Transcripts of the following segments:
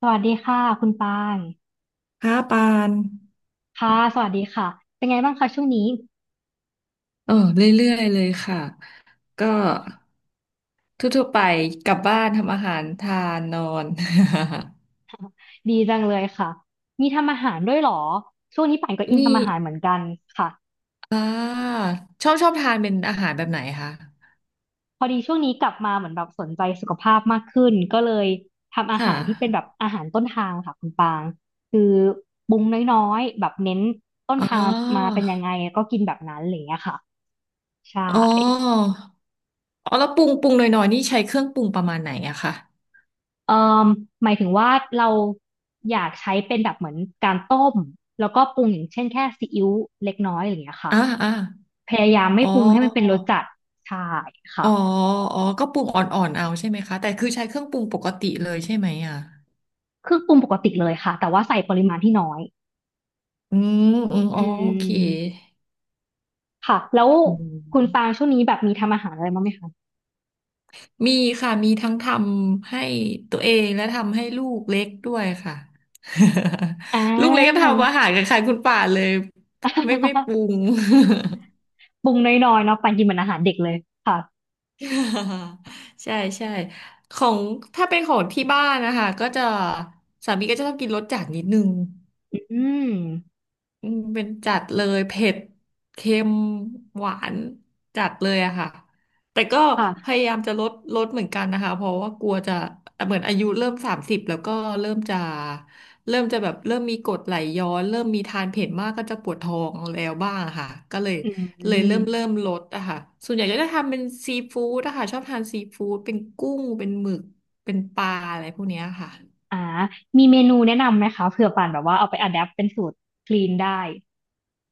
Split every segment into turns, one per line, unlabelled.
สวัสดีค่ะคุณปาง
ค่ะปาน
ค่ะสวัสดีค่ะเป็นไงบ้างคะช่วงนี้
เออเรื่อยๆเลยค่ะ ก็ทั่วๆไปกลับบ้านทำอาหารทานนอน
ดีจังเลยค่ะมีทำอาหารด้วยเหรอช่วงนี้ป่านก็ อิน
มี
ทำอาหารเหมือนกันค่ะ
อ่าชอบทานเป็นอาหารแบบไหนคะ
พอดีช่วงนี้กลับมาเหมือนแบบสนใจสุขภาพมากขึ้นก็เลยทำอา
ค่ะ
หารที่เป็นแบบอาหารต้นทางค่ะคุณปางคือปรุงน้อยๆแบบเน้นต้น
อ๋
ทางมา
อ
เป็นยังไงก็กินแบบนั้นอะไรอย่างเงี้ยค่ะใช่
อ๋ออ๋อแล้วปรุงหน่อยๆนี่ใช้เครื่องปรุงประมาณไหนอะคะ
เอ่อหมายถึงว่าเราอยากใช้เป็นแบบเหมือนการต้มแล้วก็ปรุงอย่างเช่นแค่ซีอิ๊วเล็กน้อยอะไรอย่างเงี้ยค่ะ
อ่าอ่า
พยายามไม่
อ๋อ
ปรุงให้มันเป็นรสจัดใช่
อ๋
ค่ะ
ออ๋อก็ปรุงอ่อนๆเอาใช่ไหมคะแต่คือใช้เครื่องปรุงปกติเลยใช่ไหมอะ
เครื่องปรุงปกติเลยค่ะแต่ว่าใส่ปริมาณที่น้อย
อืมอืม
อื
อ๋อโอเค
มค่ะแล้ว
อื
คุณ
ม
ปางช่วงนี้แบบมีทำอาหารอะไรบ้างไหมคะ
มีค่ะมีทั้งทำให้ตัวเองและทำให้ลูกเล็กด้วยค่ะ
อ่
ลูกเล็กก็
า
ทำอาหารกับใครคุณป่าเลยไม่ป รุง
ปรุงน้อยๆเนาะปางกินเหมือนอาหารเด็กเลยค่ะ
ใช่ใช่ของถ้าเป็นของที่บ้านนะคะก็จะสามีก็จะต้องกินรสจัดนิดนึง
อืม
อืมเป็นจัดเลยเผ็ดเค็มหวานจัดเลยอะค่ะแต่ก็พ
ค่ะ
ยายามจะลดเหมือนกันนะคะเพราะว่ากลัวจะเหมือนอายุเริ่ม30แล้วก็เริ่มจะเริ่มจะแบบเริ่มมีกรดไหลย้อนเริ่มมีทานเผ็ดมากก็จะปวดท้องแล้วบ้างอะค่ะก็เลย
อื
เลยเริ่
ม
มเริ่มลดอะค่ะส่วนใหญ่ก็จะทำเป็นซีฟู้ดอะค่ะชอบทานซีฟู้ดเป็นกุ้งเป็นหมึกเป็นปลาอะไรพวกเนี้ยค่ะ
อ่ามีเมนูแนะนำไหมคะเผื่อป่านแบบว่าเอาไปอะแดปเป็นสูตรคลีนได้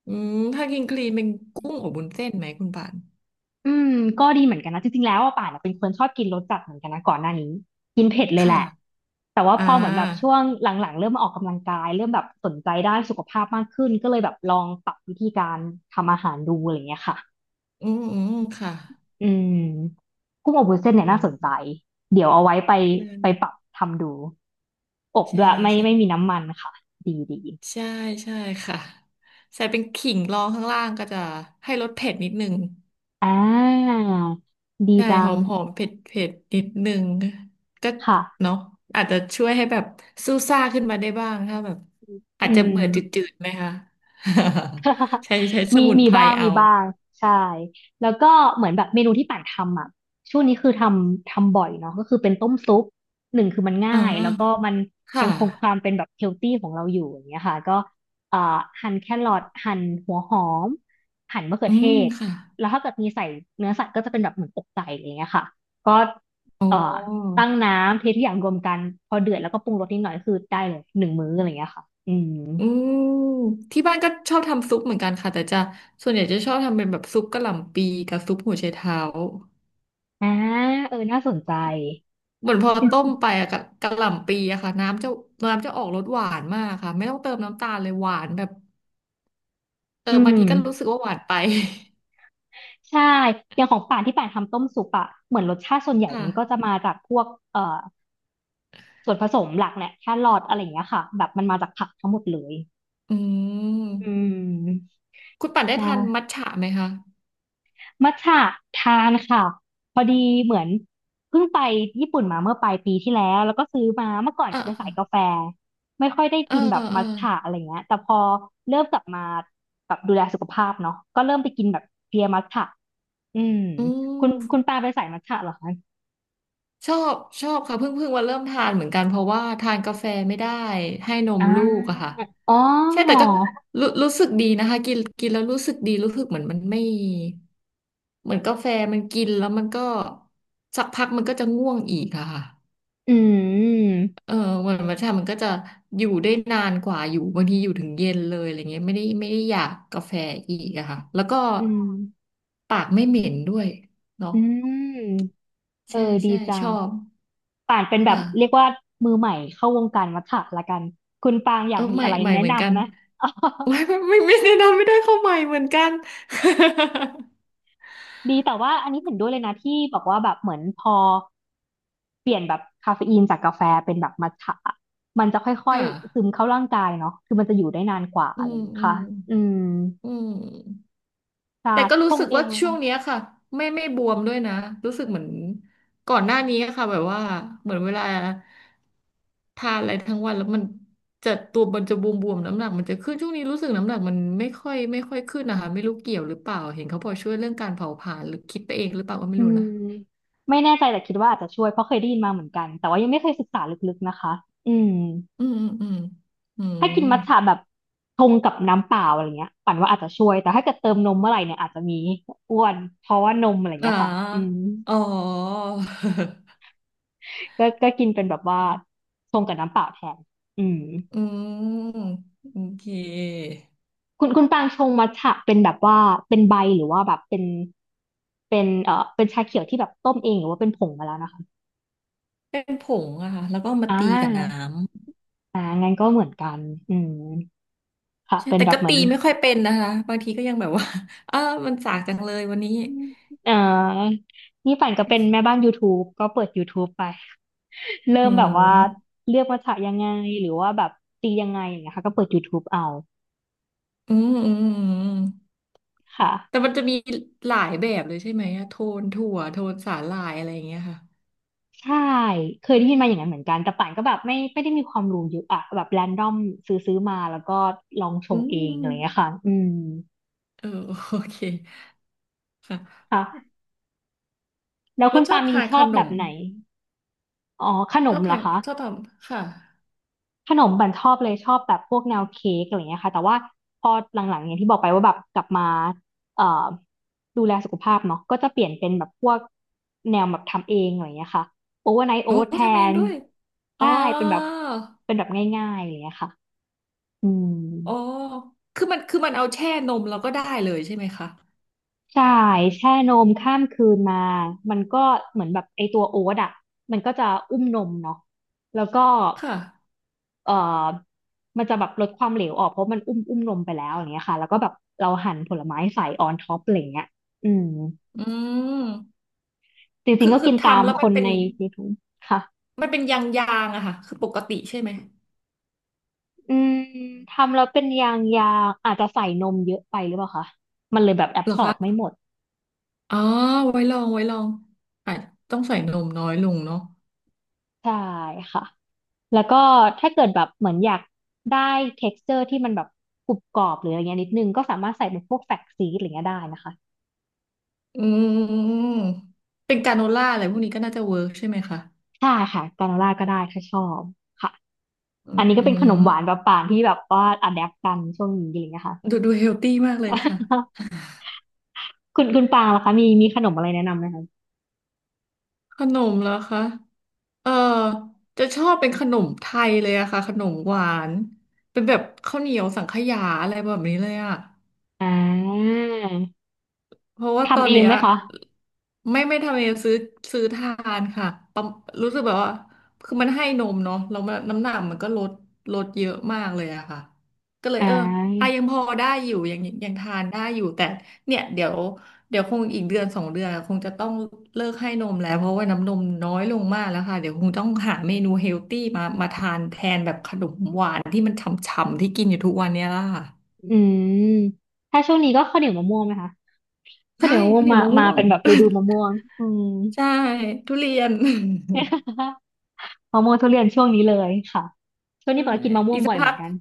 อืมถ้ากินคลีนเป็นกุ้งอบวุ้นเส้นไหมคุณปาน
อืม ก็ดีเหมือนกันนะจริงๆแล้วอะป่านอะเป็นคนชอบกินรสจัดเหมือนกันนะก่อนหน้านี้กินเผ็ดเลยแห
ค่ะ
ละ แต่ว่า
อ่า
พอเหมือนแบบช่วงหลังๆเริ่มมาออกกำลังกายเริ่มแบบสนใจด้านสุขภาพมากขึ้นก็เลยแบบลองปรับวิธีการทำอาหารดูอะไรอย่างเงี้ยค่ะ
อืมอืมค่ะ
อืมกุ้งอบวุ้นเส้นเนี่
อื
ยน่าสนใจ
ม
เดี๋ยวเอาไว้ไปไปปรับทำดูอบ
ใช่
ด้วยไม่
ใช่
มีน้ำมันค่ะดีดี
ใช่ใช่ใช่ค่ะใส่เป็นขิงรองข้างล่างก็จะให้รสเผ็ดนิดนึง
อ่าดี
ใช่
จั
หอ
ง
มหอมเผ็ดเผ็ดนิดนึงก็
ค่ะ
เนาะอาจจะช่วยให้แบบซู่ซ่าขึ้นมาได้บ้างถ้าแบบอา
อื
จจะ
ม
เบื่อจืดๆไหมคะ ใช้ส
มี
มุน
มี
ไพร
บ้าง
เอา
มีบ้างใช่ แล้วก็เหมือนแบบเมนูที่ป่านทำอ่ะช่วงนี้คือทำบ่อยเนาะก็คือเป็นต้มซุปหนึ่งคือมันง่า
อ๋อ
ยแล้วก็มันยั
ค่ะ
งคงความเป็นแบบเฮลตี้ของเราอยู่อย่างเงี้ยค่ะก็เอ่อหั่นแครอทหั่นหัวหอมหั่นมะเขือ
อื
เท
ม
ศ
ค่ะ
แล้วถ้าเกิดมีใส่เนื้อสัตว์ก็จะเป็นแบบเหมือนอกไก่อย่างเงี้ยค่ะก็
โอ้
เอ่อตั้งน้ำเททุกอย่างรวมกันพอเดือดแล้วก็ปรุงรสนิดหน่อยคือได้เลยหนึ่งมื้ออะไรเงี้ยค่ะอืม
อืมที่บ้านก็ชอบทำซุปเหมือนกันค่ะแต่จะส่วนใหญ่จะชอบทำเป็นแบบซุปกะหล่ำปีกับซุปหัวไชเท้า
อ่าเออน่าสนใจ
เหมือนพอต้มไปอะกะกะหล่ำปีอะค่ะน้ำจะออกรสหวานมากค่ะไม่ต้องเติมน้ำตาลเลยหวานแบบเออ
อื
บาง
ม
ทีก็รู้สึกว่าหวานไป
ใช่อย่างของป่านที่ป่านทำต้มซุปอะเหมือนรสชาติส่วนให ญ่
ค่ะ
มันก็จะมาจากพวกเอ่อส่วนผสมหลักแหละแครอทอะไรอย่างเงี้ยค่ะแบบมันมาจากผักทั้งหมดเลย
อื
อื
ม
ม
คุณปั่นได้
ใช่
ทานมัทฉะไหมคะ
มัทฉะทานค่ะพอดีเหมือนเพิ่งไปญี่ปุ่นมาเมื่อปลายปีที่แล้วแล้วก็ซื้อมาเมื่อก่อน
เออ
จะเป็น
เอ
สา
อ
ยกาแฟไม่ค่อยได้
เออ
กินแบบ
เอ
มั
อ
ทฉะอะไรเงี้ยแต่พอเริ่มกลับมาแบบดูแลสุขภาพเนาะก็เริ่มไปกินแบบเพลียมัทฉะอืม
อื
คุณ
ม
ปาเป็นสายมัทฉะเหรอคะ
ชอบชอบค่ะเพิ่งมาเริ่มทานเหมือนกันเพราะว่าทานกาแฟไม่ได้ให้นม
อ่
ลูกอะ
า
ค่ะ
อ๋อ
ใช่แต่ก็รู้สึกดีนะคะกินกินแล้วรู้สึกดีรู้สึกเหมือนมันไม่เหมือนกาแฟมันกินแล้วมันก็สักพักมันก็จะง่วงอีกอะค่ะ
อืม
เออมันใช่มันก็จะอยู่ได้นานกว่าอยู่บางทีอยู่ถึงเย็นเลยอะไรเงี้ยไม่ได้อยากกาแฟอีกอะค่ะแล้วก็
อืม
ปากไม่เหม็นด้วย
อื
เนาะ
มเอ
ใช่
อดี
ใช่
จั
ช
ง
อบ
ป่านเป็นแบบ
ค่ะ
เรียกว่ามือใหม่เข้าวงการวัฏฏะละกันคุณปางอ
เอ
ยา
อ
กมี
ใหม่
อะไร
ใหม่
แนะ
เหมือนกั
นำ
น
ไหม
โอ้ยไม่แนะนำไม่ได้เข้าใหม่เหมือนกัน
ดีแต่ว่าอันนี้เห็นด้วยเลยนะที่บอกว่าแบบเหมือนพอเปลี่ยนแบบคาเฟอีนจากกาแฟเป็นแบบมัทฉะอะมันจะค่อย
ค่ะ
ๆซึมเข้าร่างกายเนาะคือมันจะอยู่ได้นานกว่า
อื
อะไรอ
ม
ย่างเงี้ย
อื
ค่ะ
ม
อืม
อืม
ใช่
แต่ก็
ช
รู้
ง
สึก
เอ
ว่า
งเลย
ช่วง
ค่ะ
เนี้ยค่ะไม่บวมด้วยนะรู้สึกเหมือนก่อนหน้านี้ค่ะแบบว่าเหมือนเวลาทานอะไรทั้งวันแล้วมันจะตัวมันจะบวมๆน้ำหนักมันจะขึ้นช่วงนี้รู้สึกน้ำหนักมันไม่ค่อยขึ้นนะคะไม่รู้เกี่ยวหรือเปล่าเห็นเขาบอกช่วยเรื่องการเผาผลาญหรือคิดไปเองหรือเปล่าก็ไม่
อื
รู้
ม
นะ
ไม่แน่ใจแต่คิดว่าอาจจะช่วยเพราะเคยได้ยินมาเหมือนกันแต่ว่ายังไม่เคยศึกษาลึกๆนะคะอืม
อืมอืมอืมอื
ถ้ากิน
ม
มัทฉะแบบชงกับน้ำเปล่าอะไรเงี้ยปั่นว่าอาจจะช่วยแต่ถ้าเกิดเติมนมเมื่อไหร่เนี่ยอาจจะมีอ้วนเพราะว่านมอะไร
อ่า
เงี้ยค่ะอืม
อ๋อ
ก็ก็กินเป็นแบบว่าชงกับน้ำเปล่าแทนอืม
อืมโอเค
คุณปางชงมัทฉะเป็นแบบว่าเป็นใบหรือว่าแบบเป็นเป็นเป็นชาเขียวที่แบบต้มเองหรือว่าเป็นผงมาแล้วนะคะ
เป็นผงอะค่ะแล้วก็เอามา
อ่
ตีกับน้
าอ่างั้นก็เหมือนกันอืมค่ะ
ำใช่
เป็น
แต่
แบบ
ก็
เหมือ
ตี
น
ไม่ค่อยเป็นนะคะบางทีก็ยังแบบว่า อ้ามันสากจังเลยวันนี้
เอ่อนี่ปั่นก็เป็นแม่บ้าน YouTube ก็เปิด YouTube ไป เริ่
อื
มแบบว่า
ม
เลือกภาษายังไงหรือว่าแบบตียังไงอย่างเงี้ยค่ะก็เปิด YouTube เอา
อืมอืมอืม
ค่ะ
แต่มันจะมีหลายแบบเลยใช่ไหมอะโทนถั่วโทนสาหร่ายอะไรอย่างเงี้ยค่ะ
ใช่เคยได้ยินมาอย่างนั้นเหมือนกันแต่ป่านก็แบบไม่ไม่ได้มีความรู้เยอะอะแบบแรนดอมซื้อมาแล้วก็ลองช
อื
งเองอะไรอย่างเงี้ย
ม
ค่ะอืม
เออโอเคค่ะ
ค่ะแล้ว
แล้
คุ
ว
ณ
ชอ
ปา
บ
มี
ทาน
ช
ข
อบ
น
แบบ
ม
ไหนอ๋อขน
ช
ม
อบ
เหรอ
ทาน
คะ
ชอบทำค่ะ
ขนมบั่นชอบเลยชอบแบบพวกแนวเค้กอะไรเงี้ยค่ะแต่ว่าพอหลังๆอย่างที่บอกไปว่าแบบกลับมาเอ่อดูแลสุขภาพเนาะก็จะเปลี่ยนเป็นแบบพวกแนวแบบทำเองอะไรเงี้ยค่ะโอเวอร์ไนท์โอ๊
โอ้
ตแท
ทำเอง
น
ด้วยอ๋
ใช่
อ
เป็นแบบเป็นแบบง่ายๆอะไรเงี้ยค่ะอืม
อ๋อคือมันเอาแช่นมแล้วก็ได้เลยใช่ไหมคะ
ใช่แช่นมข้ามคืนมามันก็เหมือนแบบไอตัวโอ๊ตอ่ะมันก็จะอุ้มนมเนาะแล้วก็
ค่ะ
เอ่อมันจะแบบลดความเหลวออกเพราะมันอุ้มนมไปแล้วอย่างเงี้ยค่ะแล้วก็แบบเราหั่นผลไม้ใส่ออนท็อปอะไรเงี้ยอืม
อืม
จริ
คื
ง
อ
ๆก็
คื
กิ
อ
นตาม
ทำแล้ว
ค
มัน
น
เป็น
ใน YouTube ค่ะ
มันเป็นยางยางอะค่ะ คือปกติใช่ไหม
อืมทำแล้วเป็นยางยางอาจจะใส่นมเยอะไปหรือเปล่าคะมันเลยแบบแอบ
เหรอ
สอบไม่
คะ
หมด
อ๋อ ไว้ลองอ่ะต้องใส่นมน้อยลงเนาะ
ใช่ค่ะแล้วก็ถ้าเกิดแบบเหมือนอยากได้ texture ที่มันแบบกรุบกรอบหรืออะไรเงี้ยนิดนึงก็สามารถใส่เป็นพวกแฟกซีดอะไรเงี้ยได้นะคะ
อืม เป็นกราโนล่าอะไรพวกนี้ก็น่าจะเวิร์กใช่ไหมคะ
ใช่ค่ะกราโนล่าก็ได้ถ้าชอบค่ะ
อ
อันนี้ก็
ื
เป็นขนมหวาน
ม
แบบป่างที่แบบว่าอะแดปกันช่วงนี้อะไรอย่างเงี้ยค่ะ
ดูเฮลตี้มากเลยค่ะ
คุณปางล่ะคะมีขนมอะไรแนะนำไหมคะ
ขนมเหรอคะ เออ จะชอบเป็นขนมไทยเลยอะค่ะขนมหวาน เป็นแบบข้าวเหนียวสังขยาอะไรแบบนี้เลยอะ
อ่า
เพราะว่าตอ
ทำ
น
เอง
เนี้
ไห
ย
มคะ
ไม่ไม่ทำเองซื้อทานค่ะประรู้สึกแบบว่าคือมันให้นมเนาะแล้วมันน้ำหนักมันก็ลดเยอะมากเลยอะค่ะก็เลย
อ่
เอออ่ะ
า
ยังพอได้อยู่ยังทานได้อยู่ แต่เนี่ยเดี๋ยวคงอีกเดือนสองเดือนคงจะต้องเลิกให้นมแล้วเพราะว่าน้ำนมน้อยลงมากแล้วค่ะ เดี๋ยวคงต้องหาเมนูเฮลตี้มาทานแทนแบบขนมหวานที่มันฉ่ำๆที่กินอยู่ทุกวันเนี้ยล่ะค่ะ
อืมถ้าช่วงนี้ก็ข้าวเหนียวมะม่วงไหมคะข้าวเห
ใช่
นียวมะม่ว
ข้า
ง
วเหนีย
มา
วมะ
มา
ม่วง
เป็นแบบฤดูมะม่ วงอืม
ใช่ทุเรียน
มะม่วงทุเรียนช่วงนี้เลยค่ะช่ว ง
ใช่
นี้ปางกติกินมะม่
อี
วง
กสั
บ่
ก
อยเห
พั
มือ
ก
นกัน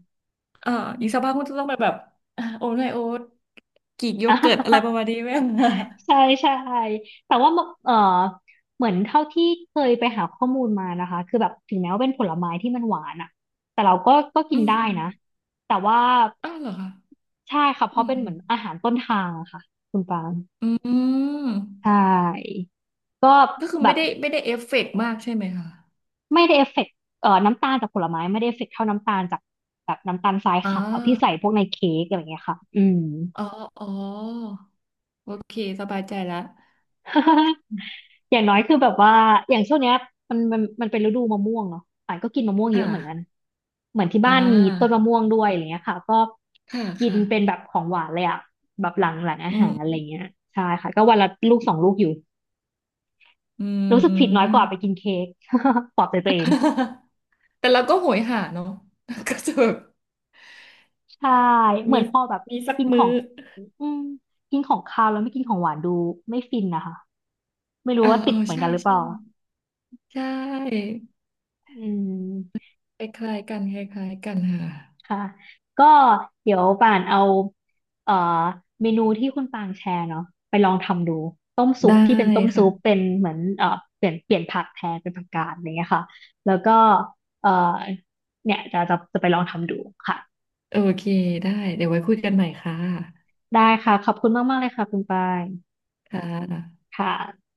เอ่อ
อื
อีกสัก
ม
พักคุณจะต้องไปแบบอ่ะโอ๊ตไงโอ๊ตกรีกโยเกิร์ตอะไรประมาณนี้ไหม
ใช่ ใช่แต่ว่าเออเหมือนเท่าที่เคยไปหาข้อมูลมานะคะคือแบบถึงแม้ว่าเป็นผลไม้ที่มันหวานอ่ะแต่เราก็กิ
อื
น
ม
ได้
อม
นะแต่ว่า
อ้าวเหรอคะ
ใช่ค่ะเพ
อื
ราะ
ม
เป็น
อื
เหมือ
ม
นอาหารต้นทางอะค่ะคุณปาง
อื
ใช
ม
่ก็
ก็คือ
แบ
ไม่
บ
ได้ไม่ได้เอฟเฟกต์มากใช่ไหมคะ
ไม่ได้เอฟเฟกต์น้ำตาลจากผลไม้ไม่ได้เอฟเฟกต์เท่าน้ำตาลจากแบบน้ำตาลทราย
อ๋อ
ขาวที่ใส่พวกในเค้กอะไรอย่างเงี้ยค่ะอืม
อ๋ออ๋อโอเคสบายใจแล้ว
อย่างน้อยคือแบบว่าอย่างช่วงเนี้ยมันเป็นฤดูมะม่วงเนาะป่านก็กินมะม่วงเย
ค่ะ
อะเหมือนกันเหมือนที่
อ่
บ้านมีต้น
า
มะม่วงด้วยอะไรเงี้ยค่ะก็
ค่ะ
กิน
ค่ะ
เป็นแบบของหวานเลยอะแบบหลังอา
อื
หารอะไร
ม
เงี้ยใช่ค่ะก็วันละลูกสองลูกอยู่
อื
รู้สึก
ม
ผิดน้อยกว่าไปกินเค้ก ปลอบใจตัวเอง
แต่เราก็โหยหาเนาะ ก็จะแบบ
ใช่เหมื
มี
อนพอแบบ
มีสัก
กินข
มื้
อ
อ
งอืมกินของคาวแล้วไม่กินของหวานดูไม่ฟินนะคะไม่รู้
อ่า
ว่า
เอ
ติ
อ
ดเหมือน
ใช่
กันหรือเป
ใช่
ล่า
ใช่
อืม
คล้ายๆกันคล้ายๆกันค่ะ
ค่ะ ก็เดี๋ยวป่านเอาเอ่อเมนูที่คุณปางแชร์เนาะไปลองทำดูต้มซุป
ได้
ที่เป็นต้มซุ
ค่ะ
ปเป็นเหมือนเปลี่ยนผักแทนเป็นผักกาดอะไรเงี้ยค่ะแล้วก็เอ่อเนี่ยจะไปลองทำดูค่ะ
โอเคได้เดี๋ยวไว้คุยกันใหม่ค่ะ
ได้ค่ะขอบคุณมากๆเลยค่ะคุณปาง
ค่ะ
ค่ะ